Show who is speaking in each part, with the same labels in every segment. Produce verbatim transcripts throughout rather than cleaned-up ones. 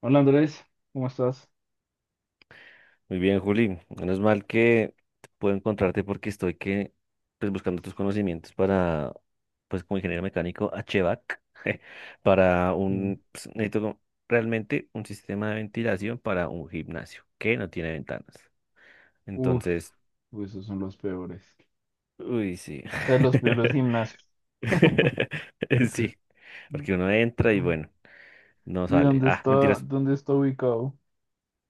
Speaker 1: Hola Andrés, ¿cómo estás?
Speaker 2: Muy bien, Juli. Menos mal que puedo encontrarte porque estoy que, pues, buscando tus conocimientos para, pues, como ingeniero mecánico H V A C, para
Speaker 1: Mm.
Speaker 2: un, pues, necesito como- realmente un sistema de ventilación para un gimnasio que no tiene ventanas.
Speaker 1: Uf,
Speaker 2: Entonces,
Speaker 1: uy, esos son los peores.
Speaker 2: uy, sí.
Speaker 1: O sea, los peores gimnasios.
Speaker 2: Sí, porque uno entra y
Speaker 1: Mm.
Speaker 2: bueno, no
Speaker 1: ¿Y
Speaker 2: sale.
Speaker 1: dónde
Speaker 2: Ah,
Speaker 1: está,
Speaker 2: mentiras,
Speaker 1: dónde está ubicado?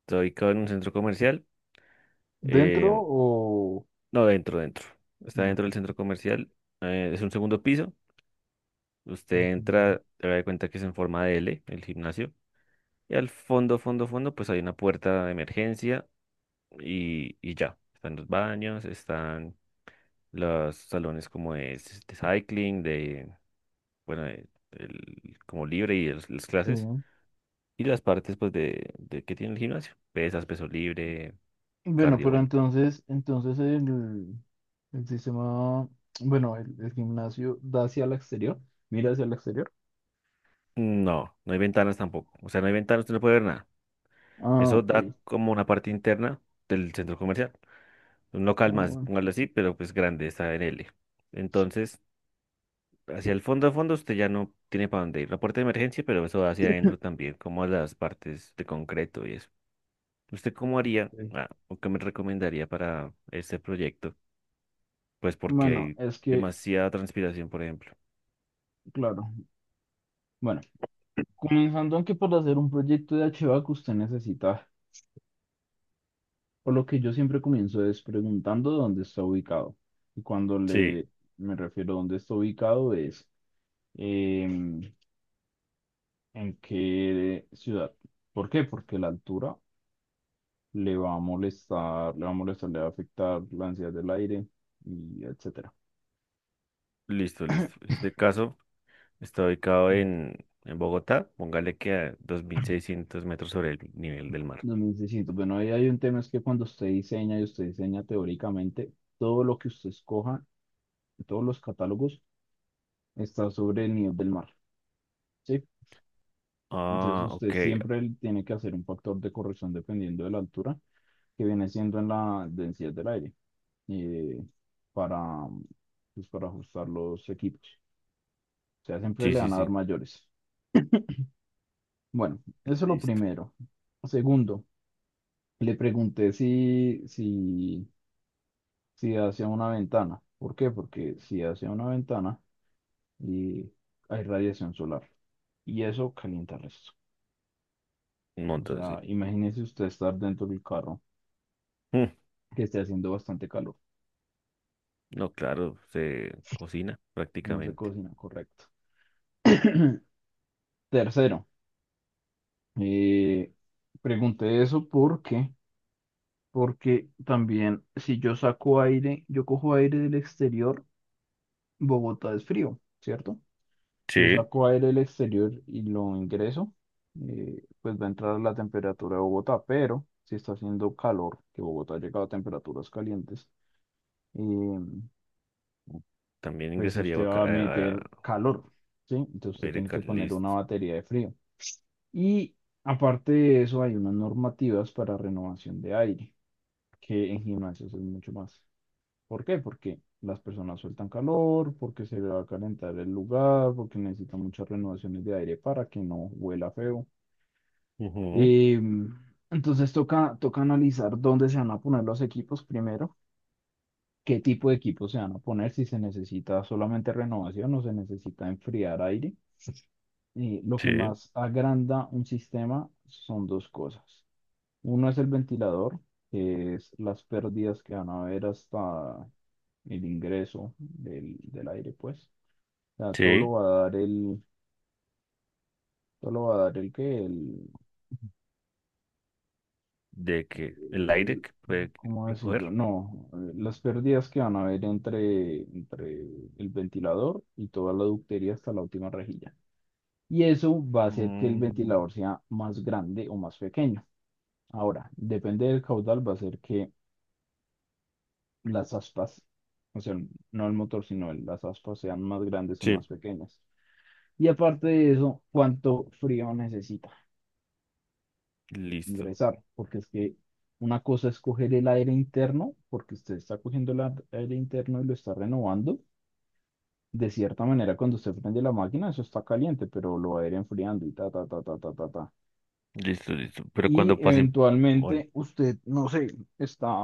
Speaker 2: estoy acá en un centro comercial.
Speaker 1: ¿Dentro
Speaker 2: eh,
Speaker 1: o?
Speaker 2: no, dentro, dentro. Está
Speaker 1: no?
Speaker 2: dentro
Speaker 1: Ok.
Speaker 2: del centro comercial. Eh, es un segundo piso. Usted
Speaker 1: Ujú.
Speaker 2: entra, se da cuenta que es en forma de L, el gimnasio. Y al fondo, fondo, fondo, pues hay una puerta de emergencia y, y ya. Están los baños, están los salones como de, s- de cycling, de, bueno, de- el- como libre y los- las
Speaker 1: Sí,
Speaker 2: clases. Y las partes, pues, de, de que tiene el gimnasio. Pesas, peso libre,
Speaker 1: bueno,
Speaker 2: cardio,
Speaker 1: pero
Speaker 2: bueno.
Speaker 1: entonces, entonces el, el sistema, bueno, el, el gimnasio da hacia el exterior, mira hacia el exterior.
Speaker 2: No, no hay ventanas tampoco. O sea, no hay ventanas, usted no puede ver nada.
Speaker 1: Ah,
Speaker 2: Eso
Speaker 1: ok.
Speaker 2: da como una parte interna del centro comercial. Un
Speaker 1: Ah,
Speaker 2: local más,
Speaker 1: bueno.
Speaker 2: póngalo así, pero pues grande, está en L. Entonces, hacia el fondo a fondo usted ya no tiene para dónde ir. La puerta de emergencia, pero eso va hacia adentro también, como a las partes de concreto y eso. ¿Usted cómo haría,
Speaker 1: Sí.
Speaker 2: ah, o qué me recomendaría para este proyecto? Pues porque
Speaker 1: Bueno,
Speaker 2: hay
Speaker 1: es que,
Speaker 2: demasiada transpiración, por ejemplo.
Speaker 1: claro. Bueno. Comenzando aunque por hacer un proyecto de archivo que usted necesita, por lo que yo siempre comienzo es preguntando dónde está ubicado. Y cuando
Speaker 2: Sí,
Speaker 1: le me refiero a dónde está ubicado es em, en qué ciudad. ¿Por qué? Porque la altura le va a molestar, le va a molestar, le va a afectar la ansiedad del aire y etcétera.
Speaker 2: listo, listo. Este caso está ubicado en, en Bogotá, póngale que a dos mil seiscientos metros sobre el nivel del mar.
Speaker 1: No me necesito. Bueno, ahí hay un tema es que cuando usted diseña y usted diseña teóricamente, todo lo que usted escoja, todos los catálogos, está sobre el nivel del mar. Sí, entonces
Speaker 2: Ah,
Speaker 1: usted
Speaker 2: ok.
Speaker 1: siempre tiene que hacer un factor de corrección dependiendo de la altura, que viene siendo en la densidad del aire, eh, para, pues, para ajustar los equipos. O sea, siempre
Speaker 2: Sí,
Speaker 1: le
Speaker 2: sí,
Speaker 1: van a dar
Speaker 2: sí.
Speaker 1: mayores. Bueno, eso es lo
Speaker 2: Listo.
Speaker 1: primero. Segundo, le pregunté si, si, si hacia una ventana. ¿Por qué? Porque si hacia una ventana y hay radiación solar y eso calienta el resto.
Speaker 2: Un
Speaker 1: O
Speaker 2: montón, sí.
Speaker 1: sea, imagínese usted estar dentro del carro que esté haciendo bastante calor.
Speaker 2: No, claro, se cocina
Speaker 1: No se
Speaker 2: prácticamente.
Speaker 1: cocina, correcto. Tercero, eh, pregunté eso porque, porque también si yo saco aire, yo cojo aire del exterior, Bogotá es frío, ¿cierto? Yo
Speaker 2: Sí,
Speaker 1: saco aire del exterior y lo ingreso. Eh, pues va a entrar la temperatura de Bogotá, pero si está haciendo calor, que Bogotá ha llegado a temperaturas calientes, eh,
Speaker 2: también
Speaker 1: pues
Speaker 2: ingresaría
Speaker 1: usted
Speaker 2: vaca-
Speaker 1: va a
Speaker 2: a-
Speaker 1: meter
Speaker 2: a-
Speaker 1: calor, ¿sí? Entonces usted
Speaker 2: aire
Speaker 1: tiene que poner
Speaker 2: caliente.
Speaker 1: una batería de frío. Y aparte de eso, hay unas normativas para renovación de aire, que en gimnasios es mucho más. ¿Por qué? Porque las personas sueltan calor, porque se va a calentar el lugar, porque necesitan muchas renovaciones de aire para que no huela feo.
Speaker 2: Ujú.
Speaker 1: Em, entonces toca, toca analizar dónde se van a poner los equipos primero, qué tipo de equipos se van a poner, si se necesita solamente renovación o se necesita enfriar aire. Eh, lo que
Speaker 2: Sí,
Speaker 1: más agranda un sistema son dos cosas. Uno es el ventilador, que es las pérdidas que van a haber hasta el ingreso del, del aire, pues. O sea, todo
Speaker 2: sí,
Speaker 1: lo va a dar el, todo lo va a dar el que, el,
Speaker 2: de que el aire
Speaker 1: el-
Speaker 2: que puede
Speaker 1: ¿cómo
Speaker 2: recoger.
Speaker 1: decirlo? No, eh, las pérdidas que van a haber entre, entre el ventilador y toda la ductería hasta la última rejilla. Y eso va a hacer que el
Speaker 2: Mm,
Speaker 1: ventilador sea más grande o más pequeño. Ahora, depende del caudal, va a ser que las aspas, o sea, no el motor, sino el- las aspas sean más grandes o más
Speaker 2: sí.
Speaker 1: pequeñas. Y aparte de eso, cuánto frío necesita
Speaker 2: Listo,
Speaker 1: ingresar, porque es que una cosa es coger el aire interno, porque usted está cogiendo el ar- aire interno y lo está renovando. De cierta manera, cuando usted prende la máquina, eso está caliente, pero lo va a ir enfriando y ta, ta, ta, ta, ta, ta, ta.
Speaker 2: listo, listo. Pero
Speaker 1: Y
Speaker 2: cuando pasen, bueno,
Speaker 1: eventualmente usted, no sé, está.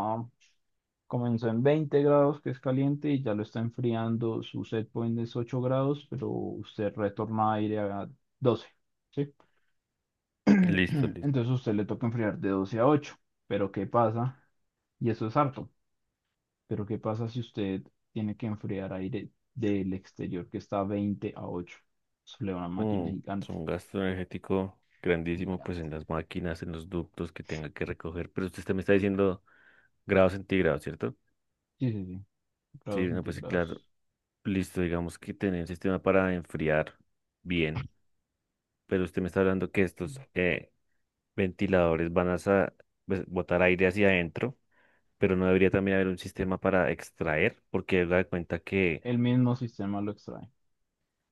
Speaker 1: Comenzó en veinte grados, que es caliente, y ya lo está enfriando. Su set point es ocho grados, pero usted retorna aire a doce. ¿Sí?
Speaker 2: listo, listo.
Speaker 1: Entonces a usted le toca enfriar de doce a ocho. Pero ¿qué pasa? Y eso es harto. Pero ¿qué pasa si usted tiene que enfriar aire del exterior que está a veinte a ocho. Eso le da una máquina
Speaker 2: Mm, es
Speaker 1: gigante,
Speaker 2: un gasto energético grandísimo, pues
Speaker 1: gigante.
Speaker 2: en las máquinas, en los ductos que tenga que recoger. Pero usted me está diciendo grados centígrados, ¿cierto?
Speaker 1: Sí, sí, sí,
Speaker 2: Sí,
Speaker 1: grados
Speaker 2: no, pues sí, claro.
Speaker 1: centígrados.
Speaker 2: Listo, digamos que tener un sistema para enfriar bien, pero usted me está hablando que estos eh, ventiladores van a sa- pues, botar aire hacia adentro, pero no debería también haber un sistema para extraer, porque da cuenta que,
Speaker 1: El mismo sistema lo extrae.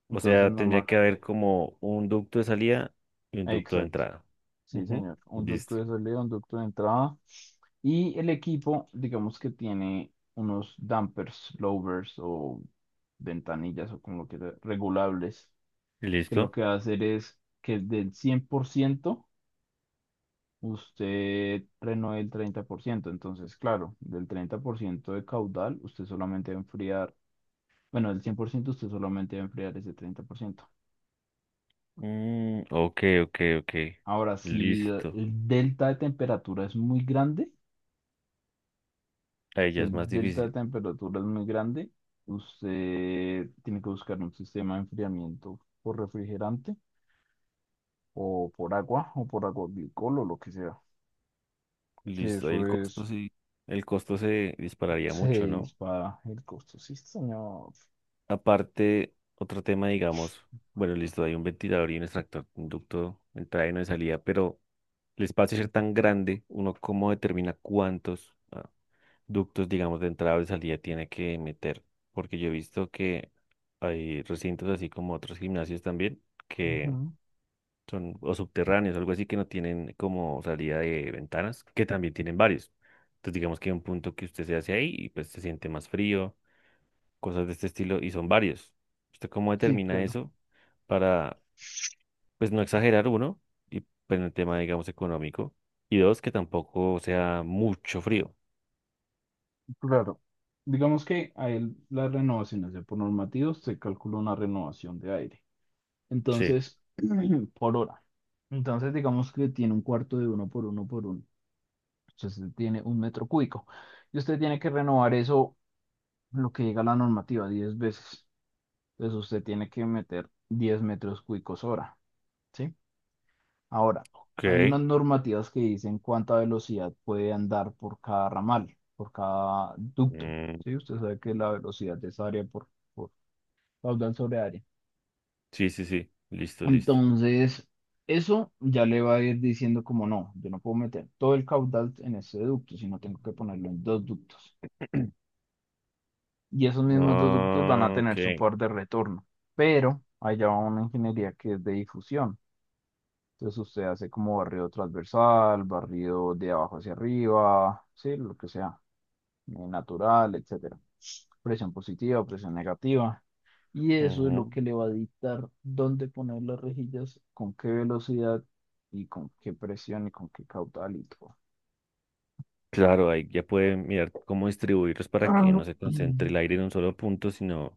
Speaker 2: o
Speaker 1: Entonces
Speaker 2: sea, tendría que haber
Speaker 1: normalmente,
Speaker 2: como un ducto de salida y un ducto de
Speaker 1: exacto.
Speaker 2: entrada.
Speaker 1: Sí,
Speaker 2: Ujú.
Speaker 1: señor. Un ducto
Speaker 2: Listo.
Speaker 1: de salida, un ducto de entrada. Y el equipo, digamos que tiene unos dampers, lowers o ventanillas o como lo quiera, regulables, que lo
Speaker 2: ¿Listo?
Speaker 1: que va a hacer es que del cien por ciento usted frenó el treinta por ciento. Entonces, claro, del treinta por ciento de caudal, usted solamente va a enfriar, bueno, del cien por ciento usted solamente va a enfriar ese treinta por ciento.
Speaker 2: Mm, ok, ok, ok.
Speaker 1: Ahora, si el
Speaker 2: Listo.
Speaker 1: el delta de temperatura es muy grande,
Speaker 2: Ahí
Speaker 1: si
Speaker 2: ya
Speaker 1: el
Speaker 2: es más
Speaker 1: delta de
Speaker 2: difícil.
Speaker 1: temperatura es muy grande, usted tiene que buscar un sistema de enfriamiento por refrigerante o por agua o por agua glicol o lo que sea. Que
Speaker 2: Listo, ahí
Speaker 1: eso
Speaker 2: el costo
Speaker 1: es,
Speaker 2: sí, el costo se dispararía
Speaker 1: se
Speaker 2: mucho, ¿no?
Speaker 1: dispara el costo. Sí, señor.
Speaker 2: Aparte, otro tema, digamos, bueno, listo, hay un ventilador y un extractor, un ducto de entrada y uno de salida, pero el espacio ser tan grande, uno cómo determina cuántos ah, ductos, digamos, de entrada o de salida tiene que meter, porque yo he visto que hay recintos así como otros gimnasios también, que
Speaker 1: Ujú.
Speaker 2: son o subterráneos, algo así que no tienen como salida de ventanas, que también tienen varios. Entonces digamos que hay un punto que usted se hace ahí y pues se siente más frío, cosas de este estilo, y son varios. ¿Usted cómo
Speaker 1: Sí,
Speaker 2: determina
Speaker 1: claro.
Speaker 2: eso para, pues no exagerar uno, y pues en el tema, digamos, económico, y dos, que tampoco sea mucho frío?
Speaker 1: Claro. Digamos que a él las renovaciones de por normativos se calcula una renovación de aire.
Speaker 2: Sí.
Speaker 1: Entonces, por hora. Entonces, digamos que tiene un cuarto de uno por uno por uno. Entonces tiene un metro cúbico. Y usted tiene que renovar eso, lo que llega a la normativa, diez veces. Entonces usted tiene que meter diez metros cúbicos hora, ¿sí? Ahora, hay unas
Speaker 2: Ok.
Speaker 1: normativas que dicen cuánta velocidad puede andar por cada ramal, por cada ducto,
Speaker 2: Mm,
Speaker 1: ¿sí? Usted sabe que la velocidad es área por, por caudal sobre área.
Speaker 2: sí, sí, sí. Listo, listo.
Speaker 1: Entonces, eso ya le va a ir diciendo como no, yo no puedo meter todo el caudal en ese ducto, sino tengo que ponerlo en dos ductos. Y esos mismos ductos van a
Speaker 2: Ah,
Speaker 1: tener su
Speaker 2: ok.
Speaker 1: par de retorno, pero allá va una ingeniería que es de difusión. Entonces usted hace como barrido transversal, barrido de abajo hacia arriba, sí, lo que sea, eh, natural, etcétera. Presión positiva, presión negativa. Y eso es lo
Speaker 2: Ujú.
Speaker 1: que le va a dictar dónde poner las rejillas, con qué velocidad y con qué presión y con qué caudal y todo.
Speaker 2: Claro, ahí ya pueden mirar cómo distribuirlos para que no se concentre el aire en un solo punto, sino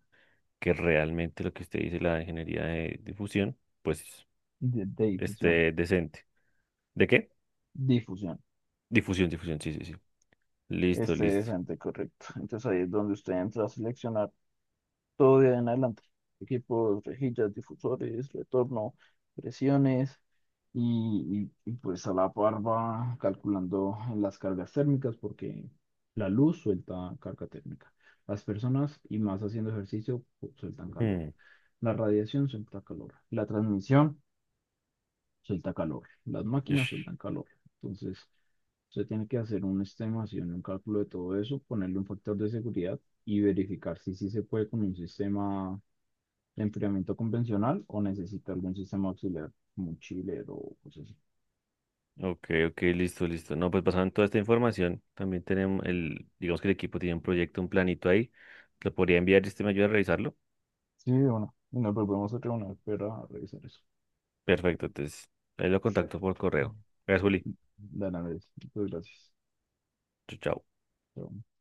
Speaker 2: que realmente lo que usted dice, la ingeniería de difusión, pues
Speaker 1: De, de difusión.
Speaker 2: esté decente. ¿De qué?
Speaker 1: Difusión.
Speaker 2: Difusión, difusión, sí, sí, sí. Listo,
Speaker 1: Este
Speaker 2: listo.
Speaker 1: decente, correcto. Entonces ahí es donde usted entra a seleccionar todo de ahí en adelante. Equipos, rejillas, difusores, retorno, presiones y, y- y, pues a la par va calculando las cargas térmicas porque la luz suelta carga térmica. Las personas y más haciendo ejercicio pu- sueltan calor.
Speaker 2: Hmm,
Speaker 1: La radiación suelta calor. La transmisión suelta calor. Las máquinas
Speaker 2: ush,
Speaker 1: sueltan calor. Entonces, usted tiene que hacer una estimación, un cálculo de todo eso, ponerle un factor de seguridad y verificar si sí se puede con un sistema de enfriamiento convencional o necesita algún sistema auxiliar, como un chiller o cosas así.
Speaker 2: ok, ok, listo, listo. No, pues basado en toda esta información, también tenemos el, digamos que el equipo tiene un proyecto, un planito ahí. Lo podría enviar y usted me ayuda a revisarlo.
Speaker 1: Sí, bueno, y nos volvemos a reunir para revisar eso.
Speaker 2: Perfecto, entonces ahí lo contacto por correo. Gracias, Juli.
Speaker 1: De nada, muchas gracias.
Speaker 2: Chao. Chao.
Speaker 1: Chao.